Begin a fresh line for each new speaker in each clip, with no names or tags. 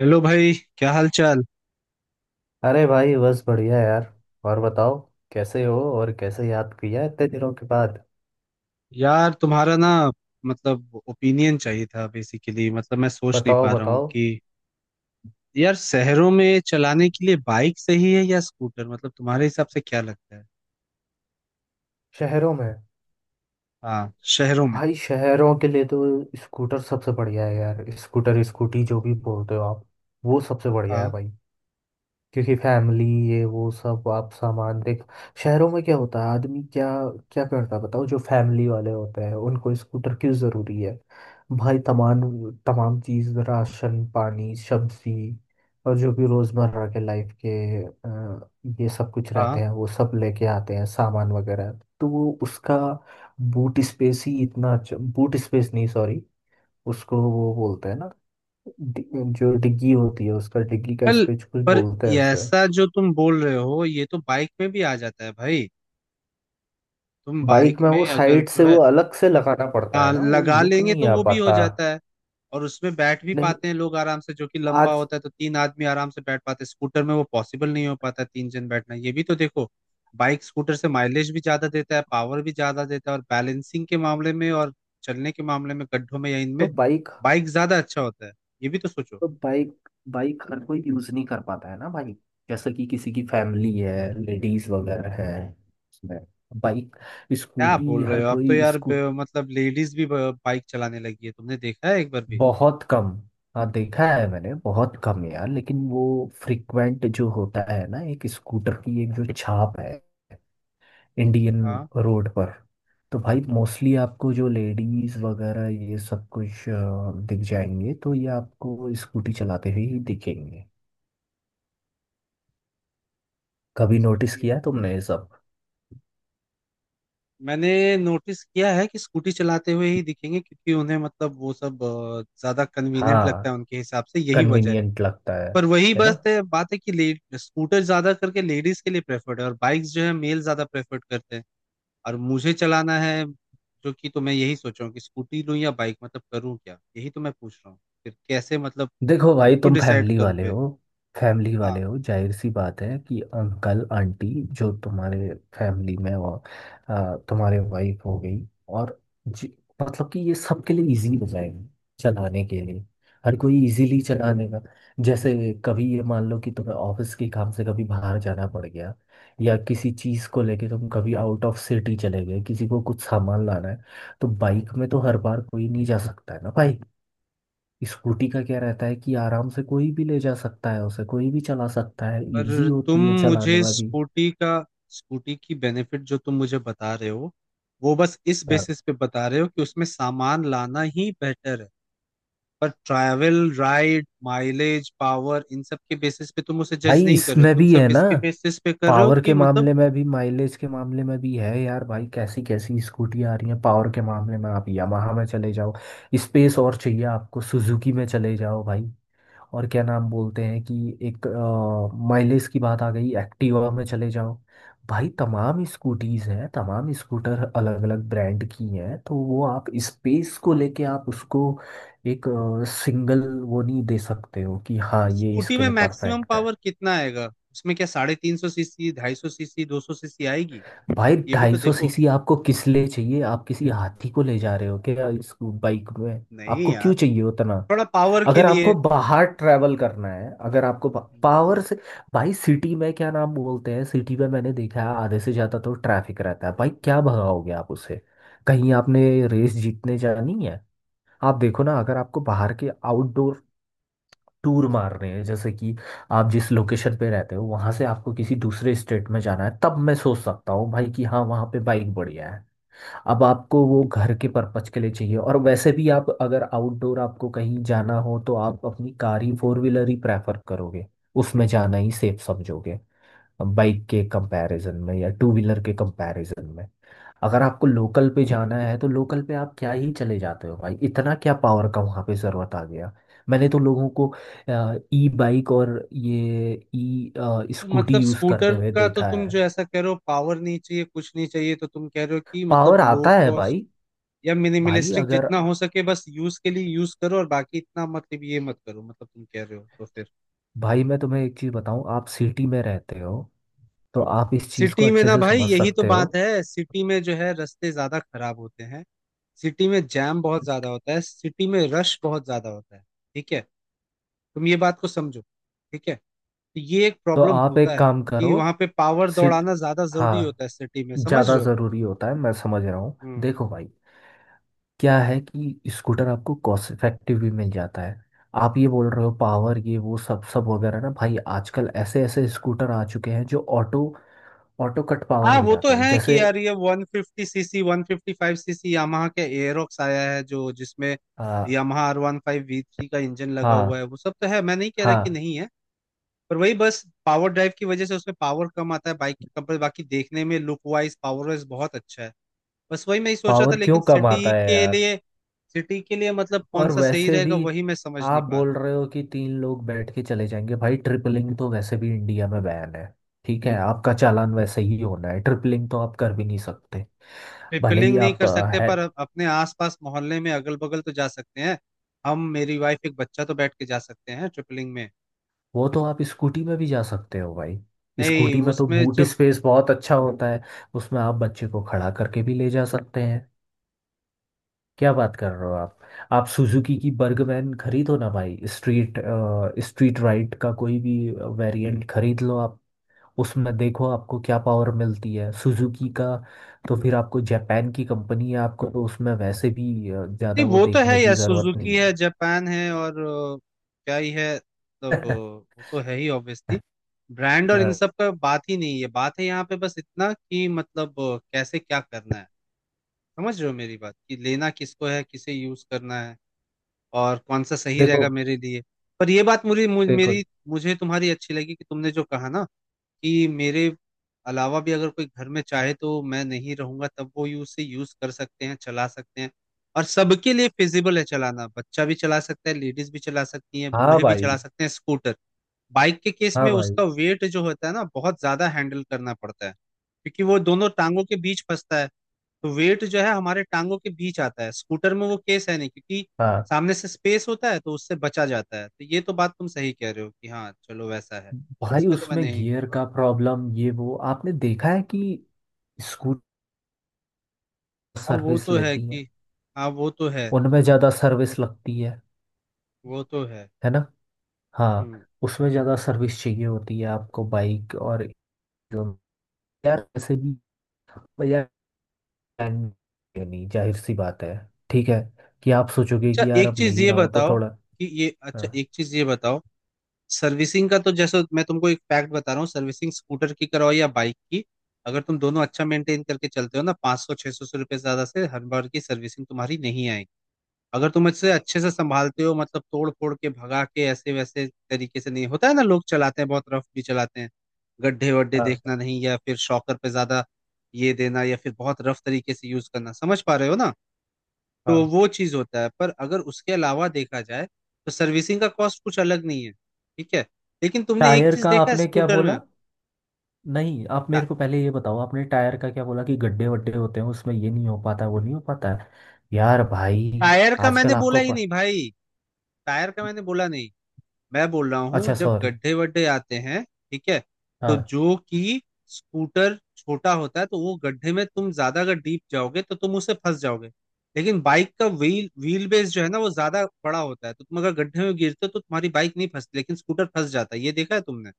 Hello भाई, क्या हाल चाल।
अरे भाई बस बढ़िया यार। और बताओ। कैसे हो और कैसे याद किया इतने दिनों के बाद?
यार, तुम्हारा ना मतलब ओपिनियन चाहिए था बेसिकली। मतलब, मैं सोच नहीं
बताओ
पा रहा हूँ
बताओ।
कि यार शहरों में चलाने के लिए बाइक सही है या स्कूटर? मतलब तुम्हारे हिसाब से क्या लगता है?
शहरों में?
हाँ, शहरों में।
भाई शहरों के लिए तो स्कूटर सबसे बढ़िया है यार, स्कूटर स्कूटी जो भी बोलते हो आप, वो सबसे बढ़िया है
हाँ,
भाई। क्योंकि फैमिली, ये वो सब आप सामान देख। शहरों में क्या होता है, आदमी क्या क्या करता है बताओ। जो फैमिली वाले होते हैं उनको स्कूटर क्यों ज़रूरी है? भाई तमाम तमाम चीज़, राशन पानी सब्जी, और जो भी रोज़मर्रा के लाइफ के ये सब कुछ
हाँ।
रहते हैं, वो सब लेके आते हैं सामान वगैरह। तो वो उसका बूट स्पेस ही इतना अच्छा, बूट स्पेस नहीं सॉरी। उसको वो बोलते हैं ना, जो डिग्गी होती है, उसका डिग्गी का
पर
स्पेस, कुछ
पर
बोलते हैं
ये
उसे।
ऐसा जो तुम बोल रहे हो, ये तो बाइक में भी आ जाता है भाई। तुम
बाइक
बाइक
में वो
में अगर
साइड से
जो है
वो अलग से लगाना पड़ता
हाँ,
है ना, वो
लगा
लुक
लेंगे
नहीं
तो
आ
वो भी हो
पाता।
जाता है। और उसमें बैठ भी
नहीं,
पाते हैं लोग आराम से, जो कि लंबा
आज
होता है, तो तीन आदमी आराम से बैठ पाते हैं। स्कूटर में वो पॉसिबल नहीं हो पाता तीन जन बैठना, ये भी तो देखो। बाइक स्कूटर से माइलेज भी ज्यादा देता है, पावर भी ज्यादा देता है, और बैलेंसिंग के मामले में और चलने के मामले में गड्ढों में या
तो
इनमें
बाइक
बाइक ज्यादा अच्छा होता है, ये भी तो सोचो।
तो बाइक बाइक हर कोई यूज नहीं कर पाता है ना भाई। जैसे कि किसी की फैमिली है, लेडीज वगैरह है उसमें। बाइक,
क्या
स्कूटी
बोल रहे
हर
हो, अब तो
कोई
यार
स्कूट
मतलब लेडीज भी बाइक चलाने लगी है, तुमने देखा है एक बार भी?
बहुत कम। हाँ, देखा है मैंने बहुत कम यार, लेकिन वो फ्रिक्वेंट जो होता है ना, एक स्कूटर की एक जो छाप है इंडियन रोड पर। तो भाई मोस्टली आपको जो लेडीज वगैरह ये सब कुछ दिख जाएंगे, तो ये आपको स्कूटी चलाते हुए ही दिखेंगे। कभी नोटिस
हाँ,
किया तुमने ये सब?
मैंने नोटिस किया है कि स्कूटी चलाते हुए ही दिखेंगे क्योंकि उन्हें मतलब वो सब ज्यादा कन्वीनियंट लगता है,
हाँ,
उनके हिसाब से यही वजह है।
कन्वीनियंट लगता है
पर वही
है ना।
बस है बात है कि ले स्कूटर ज्यादा करके लेडीज के लिए प्रेफर्ड है और बाइक्स जो है मेल ज्यादा प्रेफर्ड करते हैं, और मुझे चलाना है, जो कि तो मैं यही सोच रहा हूँ कि स्कूटी लूँ या बाइक, मतलब करूँ क्या? यही तो मैं पूछ रहा हूँ, फिर कैसे मतलब
देखो भाई,
तो
तुम
डिसाइड
फैमिली
करूँ
वाले
फिर?
हो। फैमिली
हाँ।
वाले हो, जाहिर सी बात है कि अंकल आंटी जो तुम्हारे फैमिली में हो, तुम्हारे वाइफ हो गई, और जी, मतलब कि ये सबके लिए इजी हो जाएगा चलाने के लिए। हर कोई इजीली चला लेगा। जैसे कभी ये मान लो कि तुम्हें ऑफिस के काम से कभी बाहर जाना पड़ गया, या किसी चीज़ को लेके तुम कभी आउट ऑफ सिटी चले गए, किसी को कुछ सामान लाना है, तो बाइक में तो हर बार कोई नहीं जा सकता है ना भाई। स्कूटी का क्या रहता है कि आराम से कोई भी ले जा सकता है उसे, कोई भी चला सकता है, इजी
पर तुम
होती है चलाने
मुझे
में भी।
स्कूटी का, स्कूटी की बेनिफिट जो तुम मुझे बता रहे हो, वो बस इस
हाँ।
बेसिस पे बता रहे हो कि उसमें सामान लाना ही बेहतर है। पर ट्रैवल, राइड, माइलेज, पावर, इन सब के बेसिस पे तुम उसे जज
भाई
नहीं कर रहे हो,
इसमें
तुम
भी है
सिर्फ
ना,
इसके बेसिस पे कर रहे हो
पावर
कि
के
मतलब
मामले में भी, माइलेज के मामले में भी है यार। भाई कैसी कैसी स्कूटी आ रही है, पावर के मामले में आप यामाहा में चले जाओ, स्पेस और चाहिए आपको सुजुकी में चले जाओ भाई। और क्या नाम बोलते हैं, कि एक माइलेज की बात आ गई, एक्टिवा में चले जाओ। भाई तमाम स्कूटीज हैं, तमाम स्कूटर अलग अलग ब्रांड की हैं, तो वो आप स्पेस को लेके आप उसको एक सिंगल वो नहीं दे सकते हो कि हाँ ये
स्कूटी
इसके
में
लिए
मैक्सिमम
परफेक्ट है।
पावर कितना आएगा? उसमें क्या 350 सीसी, 250 सीसी, 200 सीसी आएगी?
भाई
ये भी
ढाई
तो
सौ
देखो।
सीसी आपको किस लिए चाहिए, आप किसी हाथी को ले जा रहे हो क्या इस बाइक में?
नहीं
आपको क्यों
यार,
चाहिए उतना?
थोड़ा पावर के
अगर
लिए।
आपको बाहर ट्रैवल करना है, अगर आपको पावर से। भाई सिटी में क्या नाम बोलते हैं, सिटी में मैंने देखा है आधे से ज़्यादा तो ट्रैफिक रहता है भाई, क्या भगाओगे आप उसे, कहीं आपने रेस जीतने जानी है? आप देखो ना, अगर आपको बाहर के आउटडोर टूर मारने हैं, जैसे कि आप जिस लोकेशन पे रहते हो वहां से आपको किसी दूसरे स्टेट में जाना है, तब मैं सोच सकता हूँ भाई कि हाँ, वहां पे बाइक बढ़िया है। अब आपको वो घर के पर्पज के लिए चाहिए, और वैसे भी आप अगर आउटडोर आपको कहीं जाना हो तो आप अपनी कार ही, फोर व्हीलर ही प्रेफर करोगे। उसमें जाना ही सेफ समझोगे, बाइक के कंपैरिजन में या टू व्हीलर के कंपैरिजन में। अगर आपको लोकल पे जाना है तो लोकल पे आप क्या ही चले जाते हो भाई, इतना क्या पावर का वहाँ पे ज़रूरत आ गया। मैंने तो लोगों को ई बाइक और ये ई स्कूटी
मतलब
यूज़ करते
स्कूटर
हुए
का तो
देखा
तुम जो
है।
ऐसा कह रहे हो पावर नहीं चाहिए, कुछ नहीं चाहिए, तो तुम कह रहे हो कि
पावर
मतलब लो
आता है
कॉस्ट
भाई।
या
भाई
मिनिमलिस्टिक
अगर,
जितना हो सके बस यूज के लिए यूज करो और बाकी इतना मतलब ये मत करो, मतलब तुम कह रहे हो तो फिर।
भाई मैं तुम्हें एक चीज़ बताऊं, आप सिटी में रहते हो तो आप इस चीज़ को
सिटी में
अच्छे
ना
से
भाई,
समझ
यही तो
सकते हो।
बात है। सिटी में जो है रास्ते ज्यादा खराब होते हैं, सिटी में जैम बहुत ज्यादा होता है, सिटी में रश बहुत ज्यादा होता है, ठीक है? तुम ये बात को समझो, ठीक है? तो ये एक
तो
प्रॉब्लम
आप
होता
एक
है
काम
कि
करो
वहां पे पावर
सिट
दौड़ाना ज्यादा जरूरी
हाँ,
होता है सिटी में, समझ
ज़्यादा
रहे हो?
ज़रूरी होता है, मैं समझ रहा हूँ।
हम्म।
देखो भाई, क्या है कि स्कूटर आपको कॉस्ट इफेक्टिव भी मिल जाता है। आप ये बोल रहे हो पावर ये वो सब सब वगैरह ना, भाई आजकल ऐसे ऐसे स्कूटर आ चुके हैं जो ऑटो ऑटो कट पावर
हाँ
हो
वो तो
जाते हैं,
है कि
जैसे
यार ये 150 सीसी, 155 सीसी यामाहा के एरोक्स आया है, जो जिसमें
आ,
यामाहा R15 V3 का इंजन लगा हुआ
हाँ
है, वो सब तो है, मैं नहीं कह रहा कि
हाँ।
नहीं है। पर वही बस पावर ड्राइव की वजह से उसमें पावर कम आता है बाइक के कंपेयर, बाकी देखने में लुक वाइज, पावर वाइज बहुत अच्छा है। बस वही मैं ही सोच रहा था
पावर क्यों
लेकिन
कम आता
सिटी
है
के
यार?
लिए, सिटी के लिए मतलब कौन
और
सा सही
वैसे भी
रहेगा, वही मैं समझ
आप
नहीं पा
बोल
रहा हूँ।
रहे हो कि तीन लोग बैठ के चले जाएंगे, भाई ट्रिपलिंग तो वैसे भी इंडिया में बैन है। ठीक है, आपका चालान वैसे ही होना है, ट्रिपलिंग तो आप कर भी नहीं सकते। भले ही
ट्रिपलिंग नहीं
आप
कर सकते,
है।
पर अपने आसपास मोहल्ले में अगल बगल तो जा सकते हैं। हम, मेरी वाइफ, एक बच्चा, तो बैठ के जा सकते हैं ट्रिपलिंग में।
वो तो आप स्कूटी में भी जा सकते हो भाई।
नहीं
स्कूटी में तो
उसमें
बूट
जब।
स्पेस बहुत अच्छा होता है, उसमें आप बच्चे को खड़ा करके भी ले जा सकते हैं, क्या बात कर रहे हो आप? आप सुजुकी की बर्गमैन खरीदो ना भाई, स्ट्रीट स्ट्रीट राइड का कोई भी वेरिएंट खरीद लो आप। उसमें देखो आपको क्या पावर मिलती है सुजुकी का, तो फिर आपको जापान की कंपनी है, आपको तो उसमें वैसे भी
नहीं
ज़्यादा वो
वो तो है
देखने
यार,
की ज़रूरत
सुजुकी
नहीं है।
है, जापान है, और क्या ही है, तब वो तो है ही ऑब्वियसली, ब्रांड और इन
अ,
सब का बात ही नहीं है। बात है यहाँ पे बस इतना कि मतलब कैसे क्या करना है, समझ रहे हो मेरी बात? कि लेना किसको है, किसे यूज करना है, और कौन सा सही रहेगा
देखो
मेरे लिए? पर ये बात मुझे, मु-
देखो।
मेरी मुझे तुम्हारी अच्छी लगी कि तुमने जो कहा ना कि मेरे अलावा भी अगर कोई घर में चाहे तो मैं नहीं रहूंगा तब वो यूज से यूज कर सकते हैं, चला सकते हैं, और सबके लिए फिजिबल है चलाना। बच्चा भी चला सकता है, लेडीज भी चला सकती हैं,
हाँ
बूढ़े भी
भाई,
चला सकते हैं स्कूटर। बाइक के केस
हाँ
में
भाई,
उसका वेट जो होता है ना बहुत ज्यादा हैंडल करना पड़ता है, क्योंकि वो दोनों टांगों के बीच फंसता है, तो वेट जो है हमारे टांगों के बीच आता है। स्कूटर में वो केस है नहीं, क्योंकि
हाँ
सामने से स्पेस होता है तो उससे बचा जाता है, तो ये तो बात तुम सही कह रहे हो कि हाँ चलो वैसा है। इस
भाई।
पे तो मैं
उसमें
नहीं
गियर
कहूंगा।
का प्रॉब्लम ये वो आपने देखा है कि स्कूटर
हाँ वो
सर्विस
तो है
लेती है,
कि, हाँ वो तो है।
उनमें ज़्यादा
वो,
सर्विस लगती है
वो तो है।
है ना। हाँ,
हम्म।
उसमें ज़्यादा सर्विस चाहिए होती है आपको बाइक, और जो- यार ऐसे भी प्लान नहीं। जाहिर सी बात है, ठीक है, कि आप सोचोगे कि यार अब ले ही रहा हूँ तो थोड़ा।
अच्छा
हाँ
एक चीज ये बताओ, सर्विसिंग का तो जैसे मैं तुमको एक फैक्ट बता रहा हूँ, सर्विसिंग स्कूटर की कराओ या बाइक की, अगर तुम दोनों अच्छा मेंटेन करके चलते हो ना, 500 600 रुपये ज्यादा से हर बार की सर्विसिंग तुम्हारी नहीं आएगी। अगर तुम इससे अच्छे से संभालते हो, मतलब तोड़ फोड़ के भगा के ऐसे वैसे तरीके से नहीं, होता है ना, लोग चलाते हैं बहुत रफ भी चलाते हैं, गड्ढे वड्ढे
हाँ
देखना नहीं, या फिर शॉकर पे ज्यादा ये देना, या फिर बहुत रफ तरीके से यूज करना, समझ पा रहे हो ना? तो
हाँ।
वो चीज होता है, पर अगर उसके अलावा देखा जाए तो सर्विसिंग का कॉस्ट कुछ अलग नहीं है, ठीक है? लेकिन तुमने एक
टायर
चीज
का
देखा है
आपने क्या
स्कूटर में।
बोला? नहीं, आप
टा-
मेरे को पहले ये बताओ, आपने टायर का क्या बोला, कि गड्ढे वड्ढे होते हैं उसमें ये नहीं हो पाता वो नहीं हो पाता है। यार भाई,
टायर का मैंने
आजकल
बोला
आपको
ही नहीं भाई, टायर का मैंने बोला नहीं, मैं बोल रहा हूँ
अच्छा
जब
सॉरी,
गड्ढे वड्ढे आते हैं, ठीक है? तो
हाँ।
जो कि स्कूटर छोटा होता है, तो वो गड्ढे में तुम ज्यादा अगर डीप जाओगे तो तुम उसे फंस जाओगे। लेकिन बाइक का व्हील व्हील बेस जो है ना वो ज्यादा बड़ा होता है, तो तुम अगर गड्ढे में गिरते हो तो तुम्हारी बाइक नहीं फंसती लेकिन स्कूटर फंस जाता है, ये देखा है तुमने?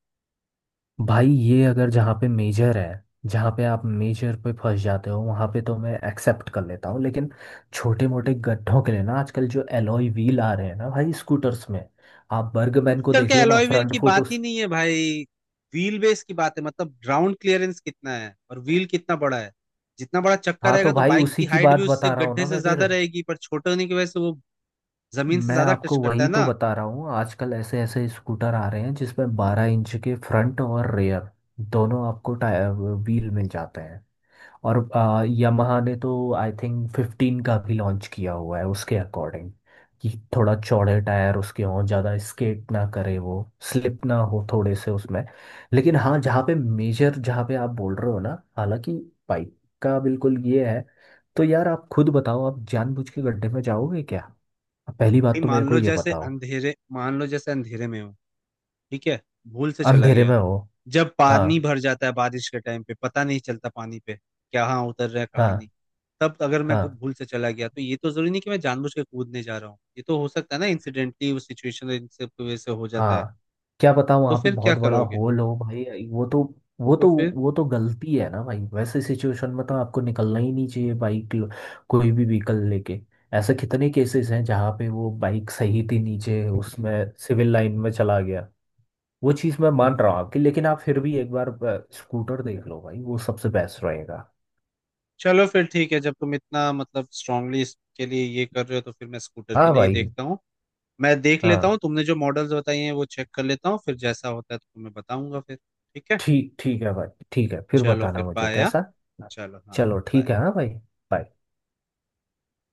भाई ये अगर जहाँ पे मेजर है, जहाँ पे आप मेजर पे फंस जाते हो वहाँ पे तो मैं एक्सेप्ट कर लेता हूँ, लेकिन छोटे मोटे गड्ढों के लिए ना, आजकल जो एलॉय व्हील आ रहे हैं ना भाई स्कूटर्स में, आप बर्गमैन को
स्कूटर के
देख लो ना,
एलॉय व्हील
फ्रंट
की
फुट
बात ही
उस
नहीं है भाई, व्हील बेस की बात है, मतलब ग्राउंड क्लियरेंस कितना है और व्हील कितना बड़ा है। जितना बड़ा चक्का
हाँ,
रहेगा
तो
तो
भाई
बाइक की
उसी की
हाइट भी
बात
उससे
बता रहा हूँ
गड्ढे
ना
से
मैं फिर,
ज्यादा रहेगी, पर छोटे होने की वजह से वो जमीन से
मैं
ज्यादा टच
आपको
करता
वही
है
तो
ना
बता रहा हूँ। आजकल ऐसे ऐसे स्कूटर आ रहे हैं जिसमें 12 इंच के फ्रंट और रेयर दोनों आपको टायर व्हील मिल जाते हैं। और यामाहा ने तो आई थिंक 15 का भी लॉन्च किया हुआ है उसके अकॉर्डिंग, कि थोड़ा चौड़े टायर उसके हों, ज़्यादा स्केट ना करे वो, स्लिप ना हो थोड़े से उसमें। लेकिन हाँ, जहाँ पे मेजर जहाँ पे आप बोल रहे हो ना, हालांकि बाइक का बिल्कुल ये है। तो यार आप खुद बताओ, आप जानबूझ के गड्ढे में जाओगे क्या? पहली
भाई।
बात तो मेरे
मान
को
लो
ये
जैसे
बताओ।
अंधेरे, मान लो जैसे अंधेरे में हो, ठीक है, भूल से चला
अंधेरे
गया,
में हो?
जब
हाँ।
पानी भर जाता है बारिश के टाइम पे, पता नहीं चलता पानी पे कहाँ उतर रहा है कहाँ
हाँ।
नहीं, तब अगर मैं
हाँ।
भूल से चला गया तो ये तो जरूरी नहीं कि मैं जानबूझ के कूदने जा रहा हूँ, ये तो हो सकता है ना, इंसिडेंटली उस सिचुएशन इन सब की वजह से हो जाता है।
हाँ। क्या पता
तो
वहां पे
फिर क्या
बहुत बड़ा
करोगे?
होल हो भाई, वो
तो
तो
फिर।
वो तो गलती है ना भाई, वैसे सिचुएशन में तो आपको निकलना ही नहीं चाहिए, कोई भी व्हीकल लेके। ऐसे कितने केसेस हैं जहाँ पे वो बाइक सही थी नीचे उसमें, सिविल लाइन में चला गया। वो चीज़ मैं मान रहा हूँ आपकी, लेकिन आप फिर भी एक बार स्कूटर देख लो भाई, वो सबसे बेस्ट रहेगा।
चलो फिर ठीक है, जब तुम इतना मतलब स्ट्रांगली इसके लिए ये कर रहे हो तो फिर मैं स्कूटर के
हाँ
लिए ही
भाई।
देखता हूँ। मैं देख लेता हूँ
हाँ,
तुमने जो मॉडल्स बताई हैं वो चेक कर लेता हूँ, फिर जैसा होता है तो तुम्हें बताऊंगा फिर, ठीक है?
ठीक, ठीक है भाई, ठीक है, फिर
चलो
बताना
फिर,
मुझे
बाय।
कैसा।
चलो, हाँ।
चलो
bye।
ठीक है, हाँ भाई, bye।